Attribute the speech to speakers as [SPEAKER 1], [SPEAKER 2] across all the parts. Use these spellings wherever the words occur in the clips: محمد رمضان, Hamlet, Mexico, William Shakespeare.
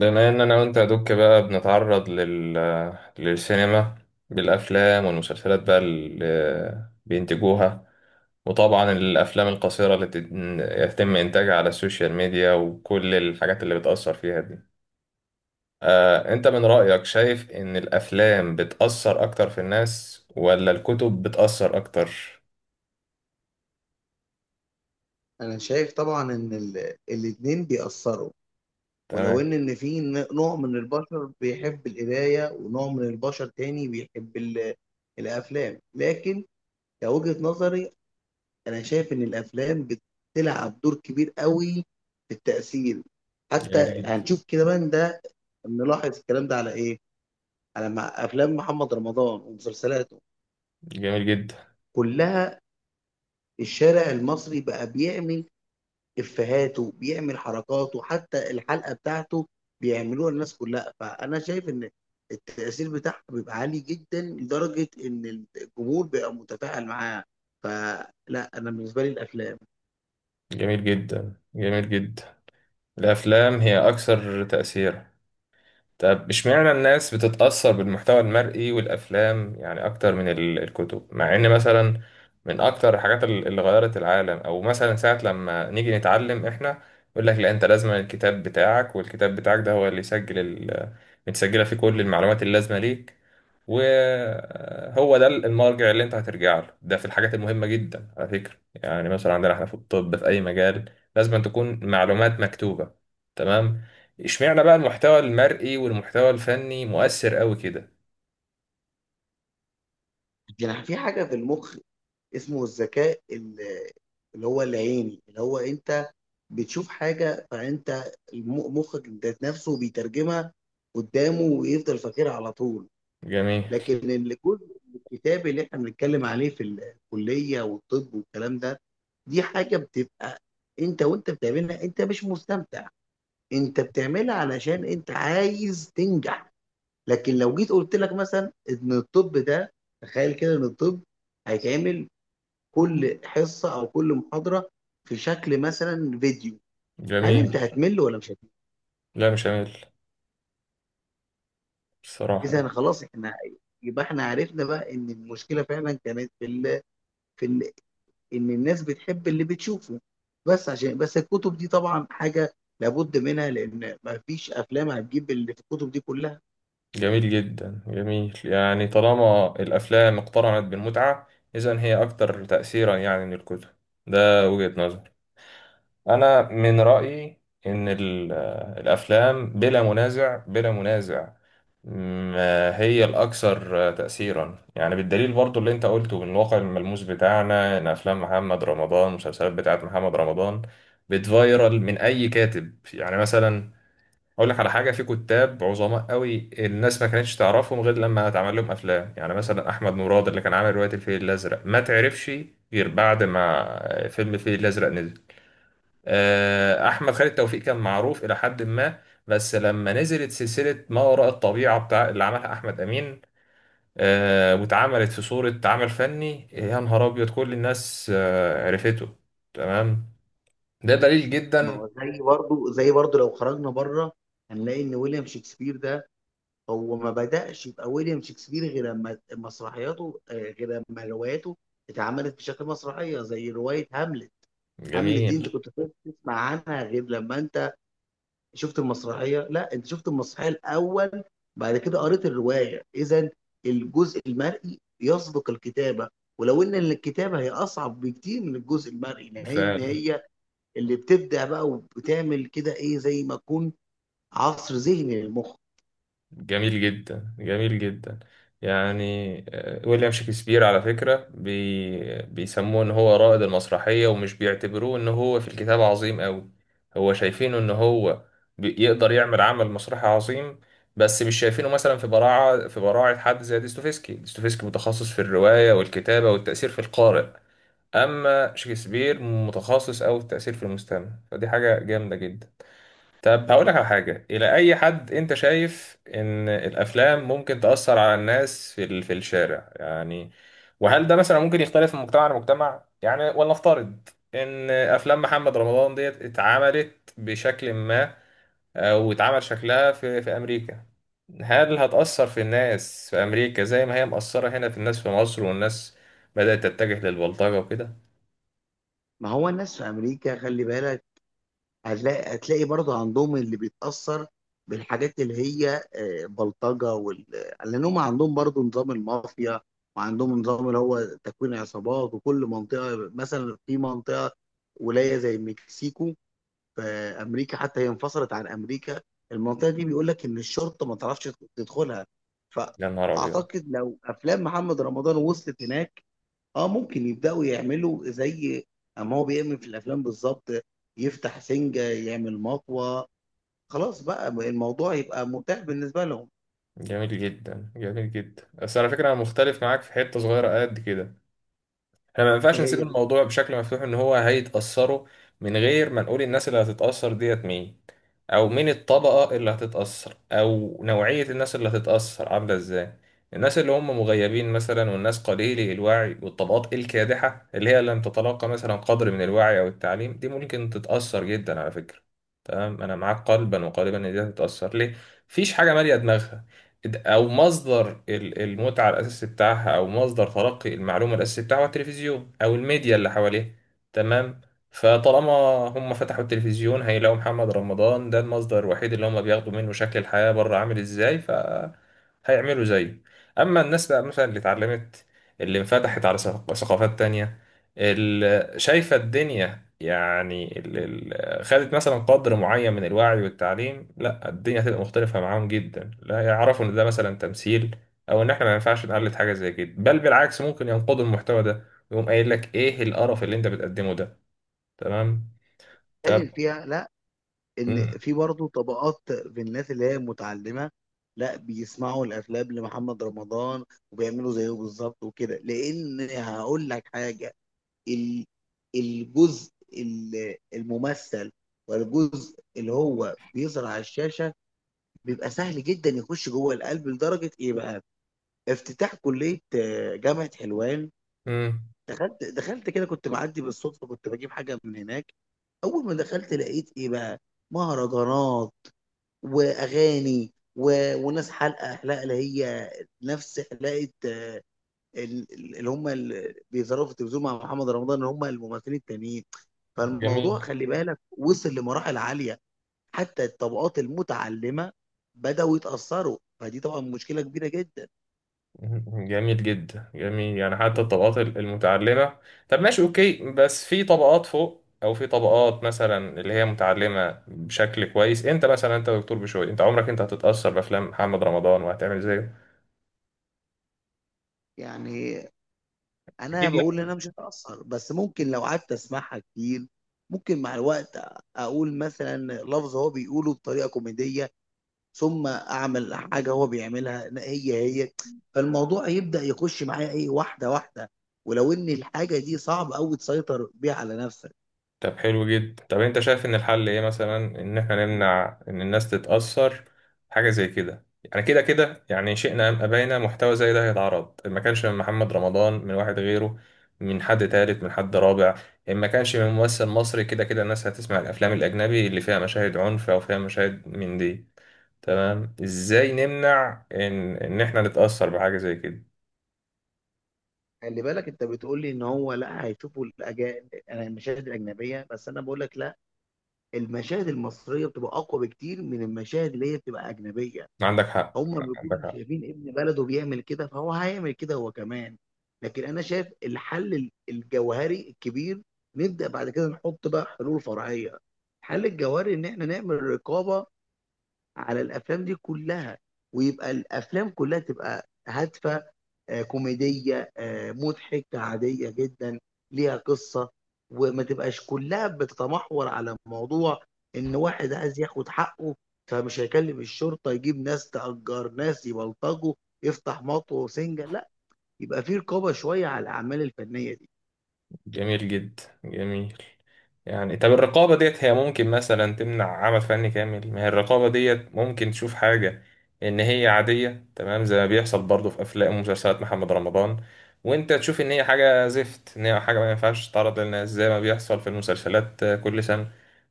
[SPEAKER 1] بما ان انا وانت يا دوك بقى بنتعرض للسينما، بالافلام والمسلسلات بقى اللي بينتجوها، وطبعا الافلام القصيره اللي يتم انتاجها على السوشيال ميديا، وكل الحاجات اللي بتاثر فيها دي. انت من رايك شايف ان الافلام بتاثر اكتر في الناس ولا الكتب بتاثر اكتر؟
[SPEAKER 2] انا شايف طبعا ان الاتنين بيأثروا، ولو
[SPEAKER 1] تمام.
[SPEAKER 2] ان في نوع من البشر بيحب القرايه، ونوع من البشر تاني بيحب الافلام. لكن كوجهة نظري، انا شايف ان الافلام بتلعب دور كبير قوي في التأثير.
[SPEAKER 1] جميل
[SPEAKER 2] حتى
[SPEAKER 1] جدا.
[SPEAKER 2] هنشوف كده من ده، نلاحظ الكلام ده على ايه؟ على افلام محمد رمضان ومسلسلاته
[SPEAKER 1] جميل جدا.
[SPEAKER 2] كلها. الشارع المصري بقى بيعمل افهاته، بيعمل حركاته، حتى الحلقه بتاعته بيعملوها الناس كلها. فانا شايف ان التاثير بتاعها بيبقى عالي جدا، لدرجه ان الجمهور بيبقى متفاعل معاه. فلا، انا بالنسبه لي الافلام
[SPEAKER 1] جميل جدا. جميل جدا. الافلام هي اكثر تاثيرا. طب، اشمعنى الناس بتتأثر بالمحتوى المرئي والأفلام، يعني أكتر من الكتب، مع إن مثلا من أكتر الحاجات اللي غيرت العالم، أو مثلا ساعة لما نيجي نتعلم إحنا يقول لك لا، أنت لازم الكتاب بتاعك، والكتاب بتاعك ده هو اللي يسجل متسجلة فيه كل المعلومات اللازمة ليك، وهو ده المرجع اللي أنت هترجع له ده في الحاجات المهمة جدا على فكرة. يعني مثلا عندنا إحنا في الطب، في أي مجال لازم تكون معلومات مكتوبة. تمام. اشمعنى بقى المحتوى المرئي والمحتوى الفني مؤثر قوي كده؟
[SPEAKER 2] يعني في حاجه في المخ، اسمه الذكاء اللي هو العيني، اللي هو انت بتشوف حاجه فانت مخك ذات نفسه بيترجمها قدامه، ويفضل فاكرها على طول.
[SPEAKER 1] جميل.
[SPEAKER 2] لكن اللي كل الكتاب اللي احنا بنتكلم عليه في الكليه والطب والكلام ده، دي حاجه بتبقى انت وانت بتعملها انت مش مستمتع، انت بتعملها علشان انت عايز تنجح. لكن لو جيت قلت لك مثلا ان الطب ده، تخيل كده ان الطب هيتعمل كل حصه او كل محاضره في شكل مثلا فيديو، هل انت
[SPEAKER 1] جميل.
[SPEAKER 2] هتمل ولا مش هتمل؟
[SPEAKER 1] لا مش جميل الصراحة
[SPEAKER 2] اذا
[SPEAKER 1] يعني.
[SPEAKER 2] خلاص، احنا يبقى احنا عرفنا بقى ان المشكله فعلا كانت في ال ان الناس بتحب اللي بتشوفه. بس عشان بس الكتب دي طبعا حاجه لابد منها، لان ما فيش افلام هتجيب اللي في الكتب دي كلها.
[SPEAKER 1] جميل جدا. جميل، يعني طالما الأفلام اقترنت بالمتعة، إذن هي أكثر تأثيرا يعني من الكتب. ده وجهة نظري. انا من رايي ان الافلام بلا منازع، بلا منازع. ما هي الاكثر تاثيرا، يعني بالدليل برضو اللي انت قلته من الواقع الملموس بتاعنا، ان افلام محمد رمضان، المسلسلات بتاعت محمد رمضان، بتفايرل من اي كاتب. يعني مثلا اقول لك على حاجه، في كتاب عظماء قوي الناس ما كانتش تعرفهم غير لما اتعمل لهم افلام. يعني مثلا احمد مراد اللي كان عامل روايه الفيل الازرق، ما تعرفش غير بعد ما فيلم الفيل الازرق نزل. احمد خالد توفيق كان معروف الى حد ما، بس لما نزلت سلسله ما وراء الطبيعه بتاع اللي عملها احمد امين، واتعملت في صوره عمل فني يا نهار ابيض، كل الناس عرفته. تمام. ده دليل
[SPEAKER 2] ما
[SPEAKER 1] جدا.
[SPEAKER 2] هو زي برضو لو خرجنا بره، هنلاقي ان ويليام شكسبير ده هو ما بدأش يبقى ويليام شكسبير غير لما مسرحياته، غير لما رواياته اتعملت بشكل مسرحيه زي روايه هاملت. هاملت دي انت
[SPEAKER 1] جميل.
[SPEAKER 2] كنت تسمع عنها غير لما انت شفت المسرحيه؟ لا، انت شفت المسرحيه الاول، بعد كده قريت الروايه. اذا الجزء المرئي يسبق الكتابه، ولو ان الكتابه هي اصعب بكتير من الجزء المرئي، لان
[SPEAKER 1] فعلا.
[SPEAKER 2] هي اللي بتبدع بقى وبتعمل كده ايه، زي ما تكون عصر ذهني للمخ.
[SPEAKER 1] جميل جدا. جميل جدا. يعني ويليام شكسبير على فكرة بيسموه ان هو رائد المسرحية، ومش بيعتبروه ان هو في الكتاب عظيم قوي. هو شايفينه ان هو يقدر يعمل عمل مسرحي عظيم، بس مش شايفينه مثلا في براعة، في براعة حد زي ديستوفيسكي. ديستوفيسكي متخصص في الرواية والكتابة والتأثير في القارئ، اما شكسبير متخصص قوي في التأثير في المستمع، فدي حاجة جامدة جدا. طب، هقول لك على حاجة، إلى أي حد أنت شايف إن الأفلام ممكن تأثر على الناس في في الشارع يعني؟ وهل ده مثلا ممكن يختلف من مجتمع لمجتمع يعني؟ ولنفترض إن أفلام محمد رمضان ديت اتعملت بشكل ما، أو اتعمل شكلها في أمريكا، هل هتأثر في الناس في أمريكا زي ما هي مأثرة هنا في الناس في مصر، والناس بدأت تتجه للبلطجة وكده؟
[SPEAKER 2] ما هو الناس في امريكا، خلي بالك، هتلاقي برضه عندهم اللي بيتأثر بالحاجات اللي هي بلطجة وال... لأن هم عندهم برضه نظام المافيا، وعندهم نظام اللي هو تكوين عصابات. وكل منطقة مثلا، في منطقة ولاية زي مكسيكو في أمريكا، حتى هي انفصلت عن أمريكا. المنطقة دي بيقول لك إن الشرطة ما تعرفش تدخلها.
[SPEAKER 1] يا نهار أبيض.
[SPEAKER 2] فأعتقد لو أفلام محمد رمضان وصلت هناك، اه ممكن يبداوا يعملوا زي اما هو بيعمل في الافلام بالظبط، يفتح سنجه، يعمل مطوه، خلاص بقى الموضوع يبقى متاح بالنسبه لهم.
[SPEAKER 1] جميل جدا. جميل جدا، بس على فكرة أنا مختلف معاك في حتة صغيرة قد كده. احنا ما ينفعش
[SPEAKER 2] إيه
[SPEAKER 1] نسيب
[SPEAKER 2] هي
[SPEAKER 1] الموضوع بشكل مفتوح ان هو هيتأثروا، من غير ما نقول الناس اللي هتتأثر ديت مين، او مين الطبقة اللي هتتأثر، او نوعية الناس اللي هتتأثر عاملة ازاي. الناس اللي هم مغيبين مثلا، والناس قليلي الوعي، والطبقات الكادحة اللي هي لم تتلقى مثلا قدر من الوعي او التعليم، دي ممكن تتأثر جدا على فكرة. تمام، انا معاك قلبا وقالبا ان دي هتتأثر. ليه؟ مفيش حاجة مالية دماغها، او مصدر المتعه الاساسي بتاعها، او مصدر تلقي المعلومه الاساسي بتاعها هو التلفزيون او الميديا اللي حواليه. تمام. فطالما هم فتحوا التلفزيون هيلاقوا محمد رمضان، ده المصدر الوحيد اللي هم بياخدوا منه شكل الحياه بره عامل ازاي، ف هيعملوا زيه. اما الناس بقى مثلا اللي اتعلمت، اللي انفتحت على ثقافات تانية، اللي شايفه الدنيا يعني، خدت مثلا قدر معين من الوعي والتعليم، لا الدنيا هتبقى مختلفة معاهم جدا. لا، يعرفوا ان ده مثلا تمثيل، او ان احنا ما ينفعش نقلد حاجة زي كده، بل بالعكس ممكن ينقضوا المحتوى ده ويقوم قايل لك، ايه القرف اللي انت بتقدمه ده؟ تمام. طب.
[SPEAKER 2] بيتكلم فيها؟ لا، ان في برضه طبقات في الناس اللي هي متعلمه، لا بيسمعوا الافلام لمحمد رمضان وبيعملوا زيه بالظبط وكده. لان هقول لك حاجه، ال- الجزء الممثل والجزء اللي هو بيظهر على الشاشه بيبقى سهل جدا يخش جوه القلب، لدرجه ايه بقى. افتتاح كليه، جامعه حلوان،
[SPEAKER 1] امم.
[SPEAKER 2] دخلت كده كنت معدي بالصدفه، كنت بجيب حاجه من هناك. اول ما دخلت لقيت ايه بقى، مهرجانات واغاني و... وناس حلقه، اللي هي نفس حلقه، اللي هم اللي بيظهروا في التلفزيون مع محمد رمضان، اللي هم الممثلين التانيين.
[SPEAKER 1] جميل.
[SPEAKER 2] فالموضوع خلي بالك وصل لمراحل عاليه، حتى الطبقات المتعلمة بدأوا يتأثروا، فدي طبعا مشكلة كبيرة جدا.
[SPEAKER 1] جميل جدا. جميل، يعني حتى الطبقات المتعلمة. طب ماشي، اوكي. بس في طبقات فوق، او في طبقات مثلا اللي هي متعلمة بشكل كويس. انت مثلا، انت دكتور بشوي، انت عمرك هتتأثر بافلام محمد رمضان وهتعمل زيه؟
[SPEAKER 2] يعني أنا
[SPEAKER 1] اكيد.
[SPEAKER 2] بقول إن أنا مش هتأثر، بس ممكن لو قعدت أسمعها كتير، ممكن مع الوقت أقول مثلا لفظ هو بيقوله بطريقة كوميدية، ثم أعمل حاجة هو بيعملها هي هي. فالموضوع يبدأ يخش معايا إيه، واحدة واحدة، ولو إن الحاجة دي صعب أوي تسيطر بيها على نفسك.
[SPEAKER 1] طب حلو جدا. طب انت شايف ان الحل ايه مثلا، ان احنا نمنع ان الناس تتأثر حاجة زي كده؟ يعني كده كده يعني شئنا ام ابينا محتوى زي ده هيتعرض. ما كانش من محمد رمضان، من واحد غيره، من حد تالت، من حد رابع. ما كانش من ممثل مصري، كده كده الناس هتسمع الافلام الاجنبي اللي فيها مشاهد عنف او فيها مشاهد من دي. تمام. ازاي نمنع ان احنا نتأثر بحاجة زي كده؟
[SPEAKER 2] خلي بالك أنت بتقول لي إن هو لا هيشوفوا الأجا... المشاهد الأجنبية، بس أنا بقول لك لا، المشاهد المصريه بتبقى اقوى بكتير من المشاهد اللي هي بتبقى اجنبيه.
[SPEAKER 1] عندك حق.
[SPEAKER 2] هم
[SPEAKER 1] عندك
[SPEAKER 2] بيكونوا
[SPEAKER 1] حق.
[SPEAKER 2] شايفين ابن بلده بيعمل كده، فهو هيعمل كده هو كمان. لكن انا شايف الحل الجوهري الكبير، نبدا بعد كده نحط بقى حلول فرعيه. الحل الجوهري ان احنا نعمل رقابه على الافلام دي كلها، ويبقى الافلام كلها تبقى هادفه، كوميديه، مضحكه، عاديه جدا، ليها قصه، وما تبقاش كلها بتتمحور على موضوع ان واحد عايز ياخد حقه، فمش هيكلم الشرطه، يجيب ناس، تأجر ناس يبلطجوا، يفتح مطوه وسنجه. لا، يبقى في رقابه شويه على الاعمال الفنيه دي.
[SPEAKER 1] جميل جدا. جميل يعني. طب، الرقابة ديت هي ممكن مثلا تمنع عمل فني كامل، ما هي الرقابة ديت ممكن تشوف حاجة إن هي عادية، تمام زي ما بيحصل برضه في أفلام ومسلسلات محمد رمضان، وأنت تشوف إن هي حاجة زفت، إن هي حاجة ما ينفعش تتعرض للناس، زي ما بيحصل في المسلسلات كل سنة،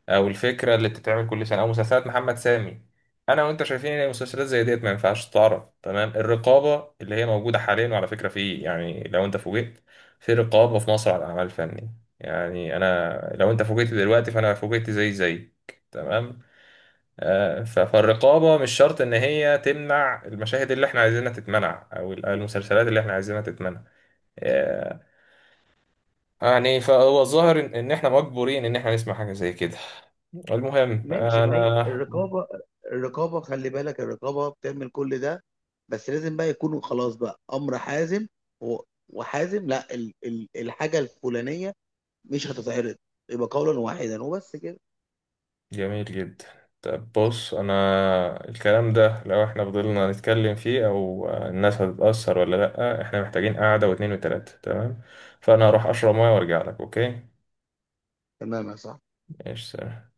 [SPEAKER 1] أو الفكرة اللي بتتعمل كل سنة، أو مسلسلات محمد سامي. أنا وأنت شايفين إن المسلسلات زي ديت ما ينفعش تتعرض. تمام. الرقابة اللي هي موجودة حاليا، وعلى فكرة في، يعني لو أنت فوجئت، في رقابة في مصر على الأعمال الفنية. يعني أنا لو أنت فوجئت دلوقتي فأنا فوجئت زي. تمام. فالرقابة مش شرط إن هي تمنع المشاهد اللي إحنا عايزينها تتمنع، أو أو المسلسلات اللي إحنا عايزينها تتمنع. آه، يعني فهو الظاهر إن إحنا مجبورين إن إحنا نسمع حاجة زي كده. المهم
[SPEAKER 2] ماشي، ما هي
[SPEAKER 1] أنا.
[SPEAKER 2] الرقابة، الرقابة خلي بالك الرقابة بتعمل كل ده، بس لازم بقى يكونوا خلاص بقى أمر حازم، و- وحازم. لا، الحاجة الفلانية مش هتتعرض، يبقى قولا واحدا وبس كده.
[SPEAKER 1] جميل جدا. طب بص، انا الكلام ده لو احنا فضلنا نتكلم فيه او الناس هتتأثر ولا لأ، احنا محتاجين قعدة واتنين وتلاتة. تمام. فانا هروح اشرب ميه وارجع لك. اوكي.
[SPEAKER 2] تمام يا صاحبي.
[SPEAKER 1] ماشي، سلام.